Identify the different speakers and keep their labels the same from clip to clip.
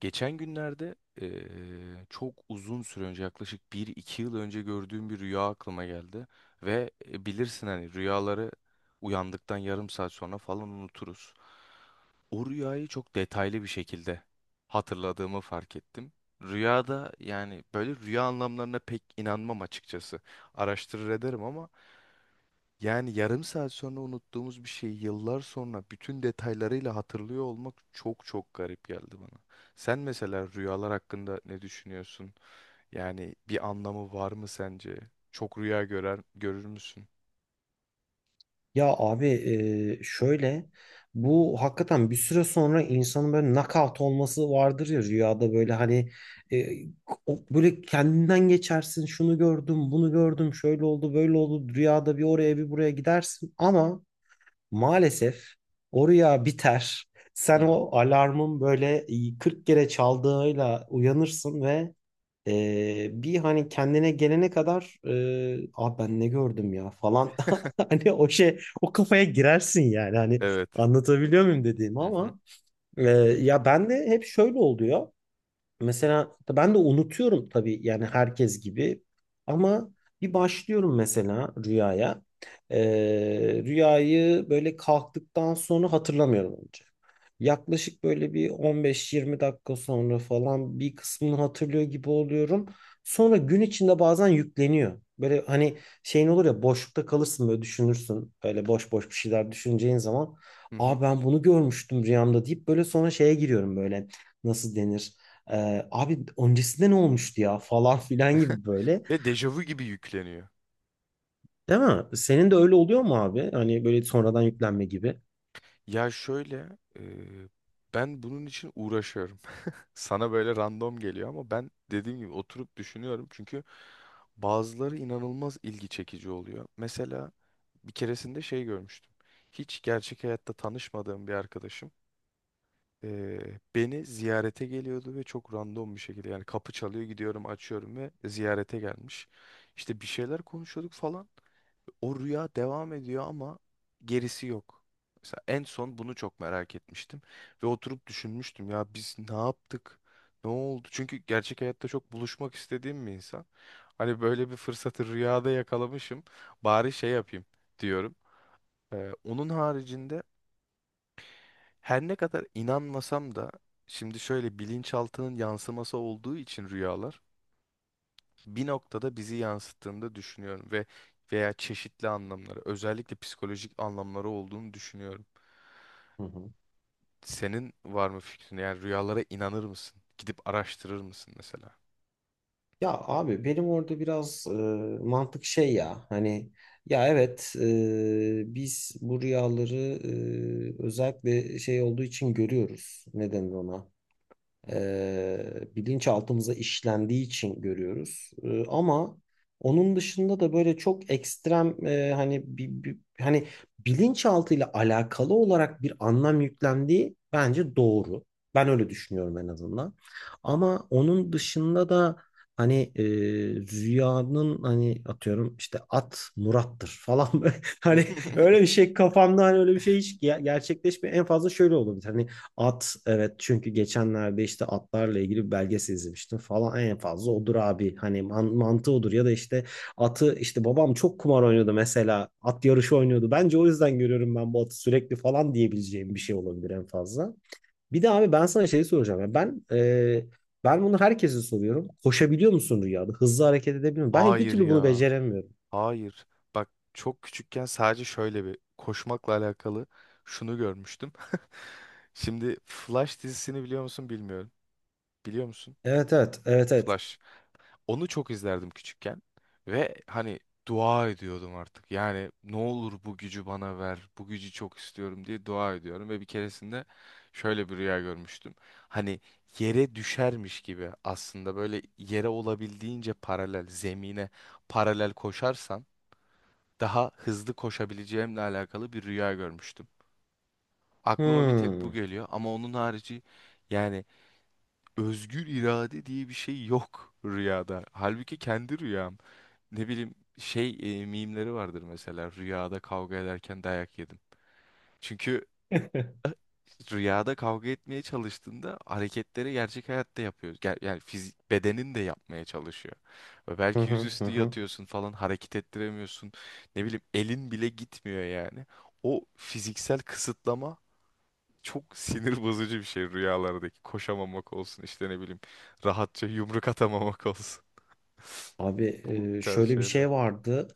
Speaker 1: Geçen günlerde eee, çok uzun süre önce yaklaşık bir iki yıl önce gördüğüm bir rüya aklıma geldi. Bilirsin hani rüyaları uyandıktan yarım saat sonra falan unuturuz. O rüyayı çok detaylı bir şekilde hatırladığımı fark ettim. Rüyada yani böyle rüya anlamlarına pek inanmam açıkçası. Araştırır ederim ama yani yarım saat sonra unuttuğumuz bir şeyi yıllar sonra bütün detaylarıyla hatırlıyor olmak çok garip geldi bana. Sen mesela rüyalar hakkında ne düşünüyorsun? Yani bir anlamı var mı sence? Çok rüya görür müsün?
Speaker 2: Ya abi, şöyle bu hakikaten bir süre sonra insanın böyle knockout olması vardır ya rüyada, böyle hani e, böyle kendinden geçersin, şunu gördüm, bunu gördüm, şöyle oldu, böyle oldu, rüyada bir oraya bir buraya gidersin ama maalesef o rüya biter.
Speaker 1: Hı
Speaker 2: Sen
Speaker 1: hı.
Speaker 2: o alarmın böyle 40 kere çaldığıyla uyanırsın ve bir hani kendine gelene kadar, abi ben ne gördüm ya falan, hani o şey, o kafaya girersin yani, hani
Speaker 1: Evet.
Speaker 2: anlatabiliyor muyum dediğimi,
Speaker 1: Hı hı.
Speaker 2: ama e, ya ben de hep şöyle oluyor. Mesela ben de unutuyorum tabii, yani herkes gibi, ama bir başlıyorum mesela rüyaya. Rüyayı böyle kalktıktan sonra hatırlamıyorum önce. Yaklaşık böyle bir 15-20 dakika sonra falan bir kısmını hatırlıyor gibi oluyorum. Sonra gün içinde bazen yükleniyor. Böyle hani şeyin olur ya, boşlukta kalırsın, böyle düşünürsün. Böyle boş boş bir şeyler düşüneceğin zaman.
Speaker 1: Hı hı.
Speaker 2: Aa, ben bunu görmüştüm rüyamda deyip böyle sonra şeye giriyorum, böyle nasıl denir? Abi öncesinde ne olmuştu ya falan filan gibi böyle.
Speaker 1: Ve dejavu gibi yükleniyor.
Speaker 2: Değil mi? Senin de öyle oluyor mu abi? Hani böyle sonradan yüklenme gibi.
Speaker 1: Ya şöyle, e, ben bunun için uğraşıyorum. Sana böyle random geliyor ama ben dediğim gibi oturup düşünüyorum. Çünkü bazıları inanılmaz ilgi çekici oluyor. Mesela bir keresinde şey görmüştüm. Hiç gerçek hayatta tanışmadığım bir arkadaşım e, beni ziyarete geliyordu ve çok random bir şekilde yani kapı çalıyor gidiyorum açıyorum ve ziyarete gelmiş. İşte bir şeyler konuşuyorduk falan. O rüya devam ediyor ama gerisi yok. Mesela en son bunu çok merak etmiştim ve oturup düşünmüştüm ya biz ne yaptık? Ne oldu? Çünkü gerçek hayatta çok buluşmak istediğim bir insan. Hani böyle bir fırsatı rüyada yakalamışım. Bari şey yapayım diyorum. Onun haricinde her ne kadar inanmasam da şimdi şöyle bilinçaltının yansıması olduğu için rüyalar bir noktada bizi yansıttığını da düşünüyorum ve veya çeşitli anlamları, özellikle psikolojik anlamları olduğunu düşünüyorum.
Speaker 2: Hı hı.
Speaker 1: Senin var mı fikrin? Yani rüyalara inanır mısın? Gidip araştırır mısın mesela?
Speaker 2: Ya abi, benim orada biraz mantık şey ya, hani, ya evet, biz bu rüyaları özellikle şey olduğu için görüyoruz. Ne denir ona?
Speaker 1: Hı.
Speaker 2: e, Bilinçaltımıza işlendiği için görüyoruz. Ama onun dışında da böyle çok ekstrem, hani bir, hani bilinçaltıyla alakalı olarak bir anlam yüklendiği bence doğru. Ben öyle düşünüyorum en azından. Ama onun dışında da hani rüyanın, hani atıyorum işte at Murat'tır falan. Böyle, hani öyle bir şey kafamda, hani öyle bir şey hiç gerçekleşmiyor. En fazla şöyle olabilir. Hani at, evet, çünkü geçenlerde işte atlarla ilgili bir belgesel izlemiştim falan, en fazla odur abi, hani mantığı odur, ya da işte atı, işte babam çok kumar oynuyordu, mesela at yarışı oynuyordu, bence o yüzden görüyorum ben bu atı sürekli falan diyebileceğim bir şey olabilir en fazla. Bir de abi, ben sana şey soracağım ya, ben bunu herkese soruyorum, koşabiliyor musun rüyada, hızlı hareket edebiliyor musun? Ben bir
Speaker 1: Hayır
Speaker 2: türlü bunu
Speaker 1: ya.
Speaker 2: beceremiyorum.
Speaker 1: Hayır. Bak çok küçükken sadece şöyle bir koşmakla alakalı şunu görmüştüm. Şimdi Flash dizisini biliyor musun bilmiyorum. Biliyor musun?
Speaker 2: Evet evet evet evet.
Speaker 1: Flash. Onu çok izlerdim küçükken ve hani dua ediyordum artık. Yani ne olur bu gücü bana ver, bu gücü çok istiyorum diye dua ediyorum ve bir keresinde şöyle bir rüya görmüştüm. Hani yere düşermiş gibi aslında böyle yere olabildiğince paralel, zemine paralel koşarsan daha hızlı koşabileceğimle alakalı bir rüya görmüştüm. Aklıma bir tek bu
Speaker 2: Hmm.
Speaker 1: geliyor ama onun harici yani özgür irade diye bir şey yok rüyada. Halbuki kendi rüyam ne bileyim mimleri vardır mesela rüyada kavga ederken dayak yedim. Çünkü rüyada kavga etmeye çalıştığında hareketleri gerçek hayatta yapıyoruz. Yani fizik bedenin de yapmaya çalışıyor. Ve
Speaker 2: Hı
Speaker 1: belki
Speaker 2: hı hı
Speaker 1: yüzüstü
Speaker 2: hı.
Speaker 1: yatıyorsun falan hareket ettiremiyorsun. Ne bileyim elin bile gitmiyor yani. O fiziksel kısıtlama çok sinir bozucu bir şey rüyalardaki. Koşamamak olsun işte ne bileyim rahatça yumruk atamamak olsun.
Speaker 2: Abi,
Speaker 1: Bu tarz
Speaker 2: şöyle bir
Speaker 1: şeyler.
Speaker 2: şey vardı.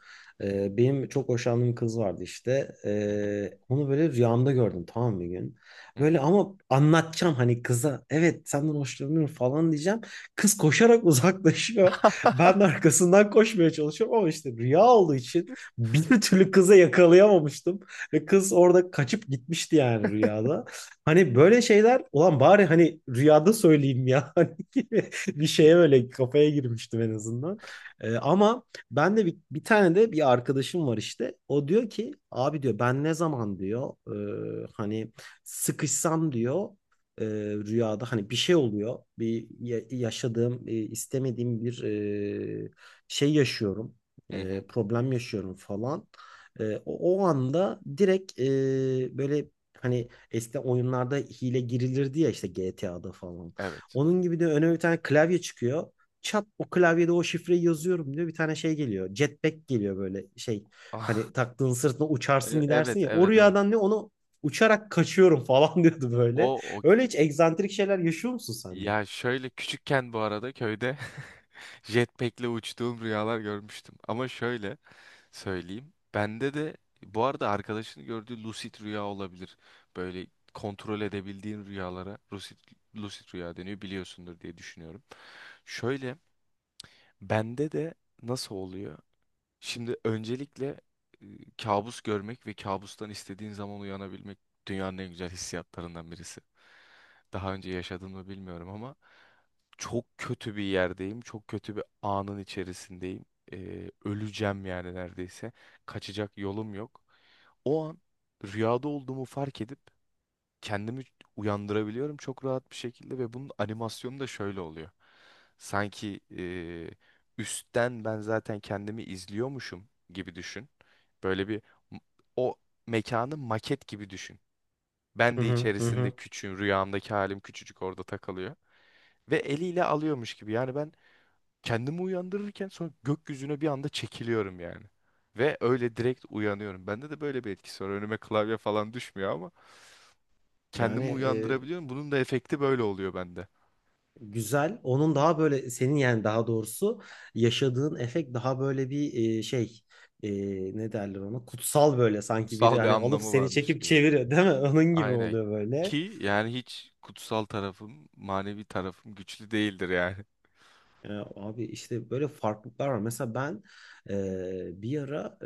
Speaker 2: Benim çok hoşlandığım kız vardı işte.
Speaker 1: Hı hı,
Speaker 2: Onu böyle rüyamda gördüm, tamam mı, bir gün.
Speaker 1: hı
Speaker 2: Böyle,
Speaker 1: hı,
Speaker 2: ama anlatacağım hani kıza, evet senden hoşlanıyorum falan diyeceğim. Kız koşarak uzaklaşıyor. Ben de arkasından koşmaya çalışıyorum ama işte rüya olduğu için bir türlü kıza yakalayamamıştım. Ve kız orada kaçıp gitmişti yani, rüyada. Hani böyle şeyler, ulan bari hani rüyada söyleyeyim ya. Hani gibi bir şeye böyle kafaya girmiştim en azından. Ama ben de bir tane de bir arkadaşım var işte. O diyor ki, abi diyor, ben ne zaman diyor hani sıkışsam diyor, e, rüyada hani bir şey oluyor. Bir yaşadığım, istemediğim bir e, şey yaşıyorum.
Speaker 1: hı hı.
Speaker 2: Problem yaşıyorum falan. O anda direkt böyle, hani eskiden oyunlarda hile girilirdi ya, işte GTA'da falan.
Speaker 1: Evet.
Speaker 2: Onun gibi de önüme bir tane klavye çıkıyor, çat, o klavyede o şifreyi yazıyorum diyor. Bir tane şey geliyor, jetpack geliyor, böyle şey.
Speaker 1: Ah,
Speaker 2: Hani taktığın sırtına uçarsın
Speaker 1: E- evet,
Speaker 2: gidersin ya. O
Speaker 1: evet, evet.
Speaker 2: rüyadan ne, onu uçarak kaçıyorum falan diyordu
Speaker 1: O,
Speaker 2: böyle.
Speaker 1: o
Speaker 2: Öyle hiç egzantrik şeyler yaşıyor musun sen de?
Speaker 1: ya şöyle küçükken bu arada köyde jetpack'le uçtuğum rüyalar görmüştüm. Ama şöyle söyleyeyim. Bende de bu arada arkadaşını gördüğü lucid rüya olabilir. Böyle kontrol edebildiğin rüyalara lucid rüya deniyor biliyorsundur diye düşünüyorum. Şöyle bende de nasıl oluyor? Şimdi öncelikle e, kabus görmek ve kabustan istediğin zaman uyanabilmek dünyanın en güzel hissiyatlarından birisi. Daha önce yaşadım mı bilmiyorum ama çok kötü bir yerdeyim. Çok kötü bir anın içerisindeyim. Öleceğim yani neredeyse. Kaçacak yolum yok. O an rüyada olduğumu fark edip kendimi uyandırabiliyorum çok rahat bir şekilde ve bunun animasyonu da şöyle oluyor. Sanki üstten ben zaten kendimi izliyormuşum gibi düşün. Böyle bir m- o Mekanı maket gibi düşün. Ben
Speaker 2: Hı
Speaker 1: de
Speaker 2: hı hı.
Speaker 1: içerisinde
Speaker 2: Hı.
Speaker 1: küçüğüm, rüyamdaki halim küçücük orada takılıyor. Ve eliyle alıyormuş gibi. Yani ben kendimi uyandırırken sonra gökyüzüne bir anda çekiliyorum yani. Ve öyle direkt uyanıyorum. Bende de böyle bir etkisi var. Önüme klavye falan düşmüyor,
Speaker 2: Yani,
Speaker 1: kendimi uyandırabiliyorum. Bunun da efekti böyle oluyor bende.
Speaker 2: güzel. Onun daha böyle, senin yani daha doğrusu, yaşadığın efekt daha böyle bir şey, e, ne derler ona, kutsal böyle, sanki biri
Speaker 1: Kutsal bir
Speaker 2: hani alıp
Speaker 1: anlamı
Speaker 2: seni
Speaker 1: varmış
Speaker 2: çekip
Speaker 1: gibi.
Speaker 2: çeviriyor değil mi? Onun gibi
Speaker 1: Aynen.
Speaker 2: oluyor böyle.
Speaker 1: Ki yani hiç kutsal tarafım, manevi tarafım güçlü değildir yani.
Speaker 2: Ya abi, işte böyle farklılıklar var. Mesela ben bir ara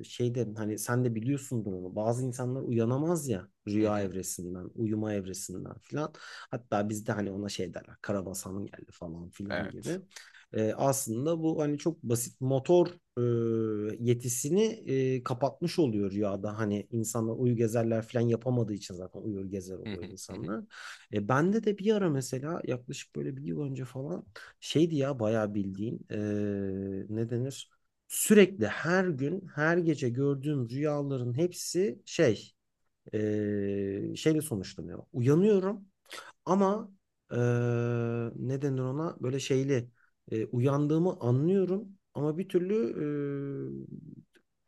Speaker 2: şeyde, hani sen de biliyorsundur onu, bazı insanlar uyanamaz ya
Speaker 1: Hı
Speaker 2: rüya
Speaker 1: hı.
Speaker 2: evresinden, uyuma evresinden filan. Hatta bizde hani ona şey derler, Karabasan'ın geldi falan filan
Speaker 1: Evet.
Speaker 2: gibi. Aslında bu hani çok basit motor yetisini kapatmış oluyor rüyada. Hani insanlar uyu gezerler filan yapamadığı için zaten uyur gezer
Speaker 1: Hı
Speaker 2: oluyor
Speaker 1: hı, hı hı.
Speaker 2: insanlar. Bende de bir ara mesela yaklaşık böyle bir yıl önce falan şeydi ya, bayağı bildiğin, ne denir? Sürekli her gün her gece gördüğüm rüyaların hepsi şey, şeyle sonuçlanıyor. Uyanıyorum ama eee ne denir ona, böyle şeyli, uyandığımı anlıyorum ama bir türlü eee,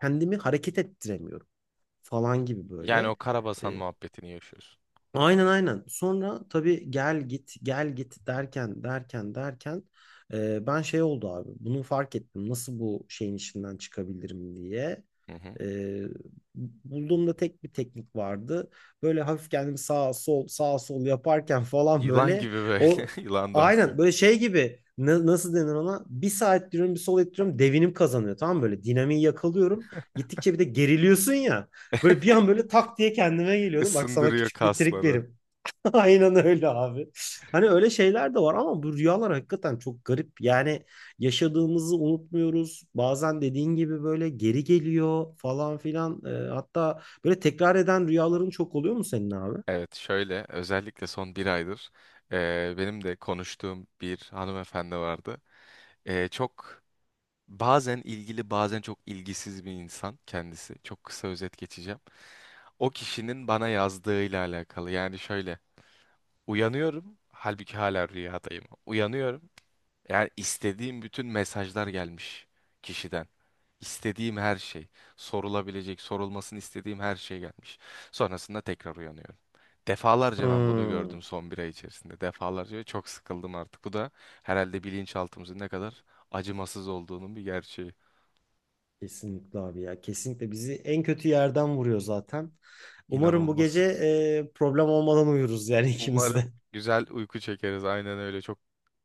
Speaker 2: kendimi hareket ettiremiyorum falan gibi
Speaker 1: Yani
Speaker 2: böyle.
Speaker 1: o
Speaker 2: E,
Speaker 1: karabasan muhabbetini yaşıyorsun.
Speaker 2: Aynen, aynen. Sonra tabii gel git gel git derken derken derken, ben şey oldu abi. Bunu fark ettim, nasıl bu şeyin içinden çıkabilirim diye.
Speaker 1: Hı hı.
Speaker 2: E, Bulduğumda tek bir teknik vardı. Böyle hafif kendimi sağ sol sağ sol yaparken falan
Speaker 1: Yılan
Speaker 2: böyle,
Speaker 1: gibi böyle.
Speaker 2: o
Speaker 1: Yılan dansı.
Speaker 2: aynen böyle şey gibi, nasıl denir ona? Bir sağ ettiriyorum, bir sol ettiriyorum, devinim kazanıyor, tamam mı? Böyle dinamiği yakalıyorum. Gittikçe bir de geriliyorsun ya. Böyle bir an böyle tak diye kendime geliyordum. Bak sana
Speaker 1: Isındırıyor
Speaker 2: küçük bir trik
Speaker 1: kasları.
Speaker 2: vereyim. Aynen öyle abi. Hani öyle şeyler de var, ama bu rüyalar hakikaten çok garip. Yani yaşadığımızı unutmuyoruz. Bazen dediğin gibi böyle geri geliyor falan filan. Hatta böyle tekrar eden rüyaların çok oluyor mu senin abi?
Speaker 1: Evet şöyle özellikle son bir aydır benim de konuştuğum bir hanımefendi vardı. Çok Bazen ilgili, bazen çok ilgisiz bir insan kendisi. Çok kısa özet geçeceğim. O kişinin bana yazdığıyla alakalı. Yani şöyle, uyanıyorum, halbuki hala rüyadayım. Uyanıyorum, yani istediğim bütün mesajlar gelmiş kişiden. İstediğim her şey, sorulabilecek, sorulmasını istediğim her şey gelmiş. Sonrasında tekrar uyanıyorum. Defalarca ben bunu
Speaker 2: Hmm,
Speaker 1: gördüm son bir ay içerisinde. Defalarca ve çok sıkıldım artık. Bu da herhalde bilinçaltımızın ne kadar acımasız olduğunun bir gerçeği.
Speaker 2: kesinlikle abi ya. Kesinlikle bizi en kötü yerden vuruyor zaten. Umarım bu gece
Speaker 1: İnanılmaz.
Speaker 2: problem olmadan uyuruz yani ikimiz
Speaker 1: Umarım
Speaker 2: de.
Speaker 1: güzel uyku çekeriz. Aynen öyle. Çok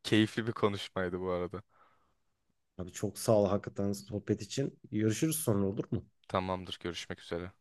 Speaker 1: keyifli bir konuşmaydı bu arada.
Speaker 2: Abi çok sağ ol, hakikaten sohbet için. Görüşürüz sonra, olur mu?
Speaker 1: Tamamdır. Görüşmek üzere.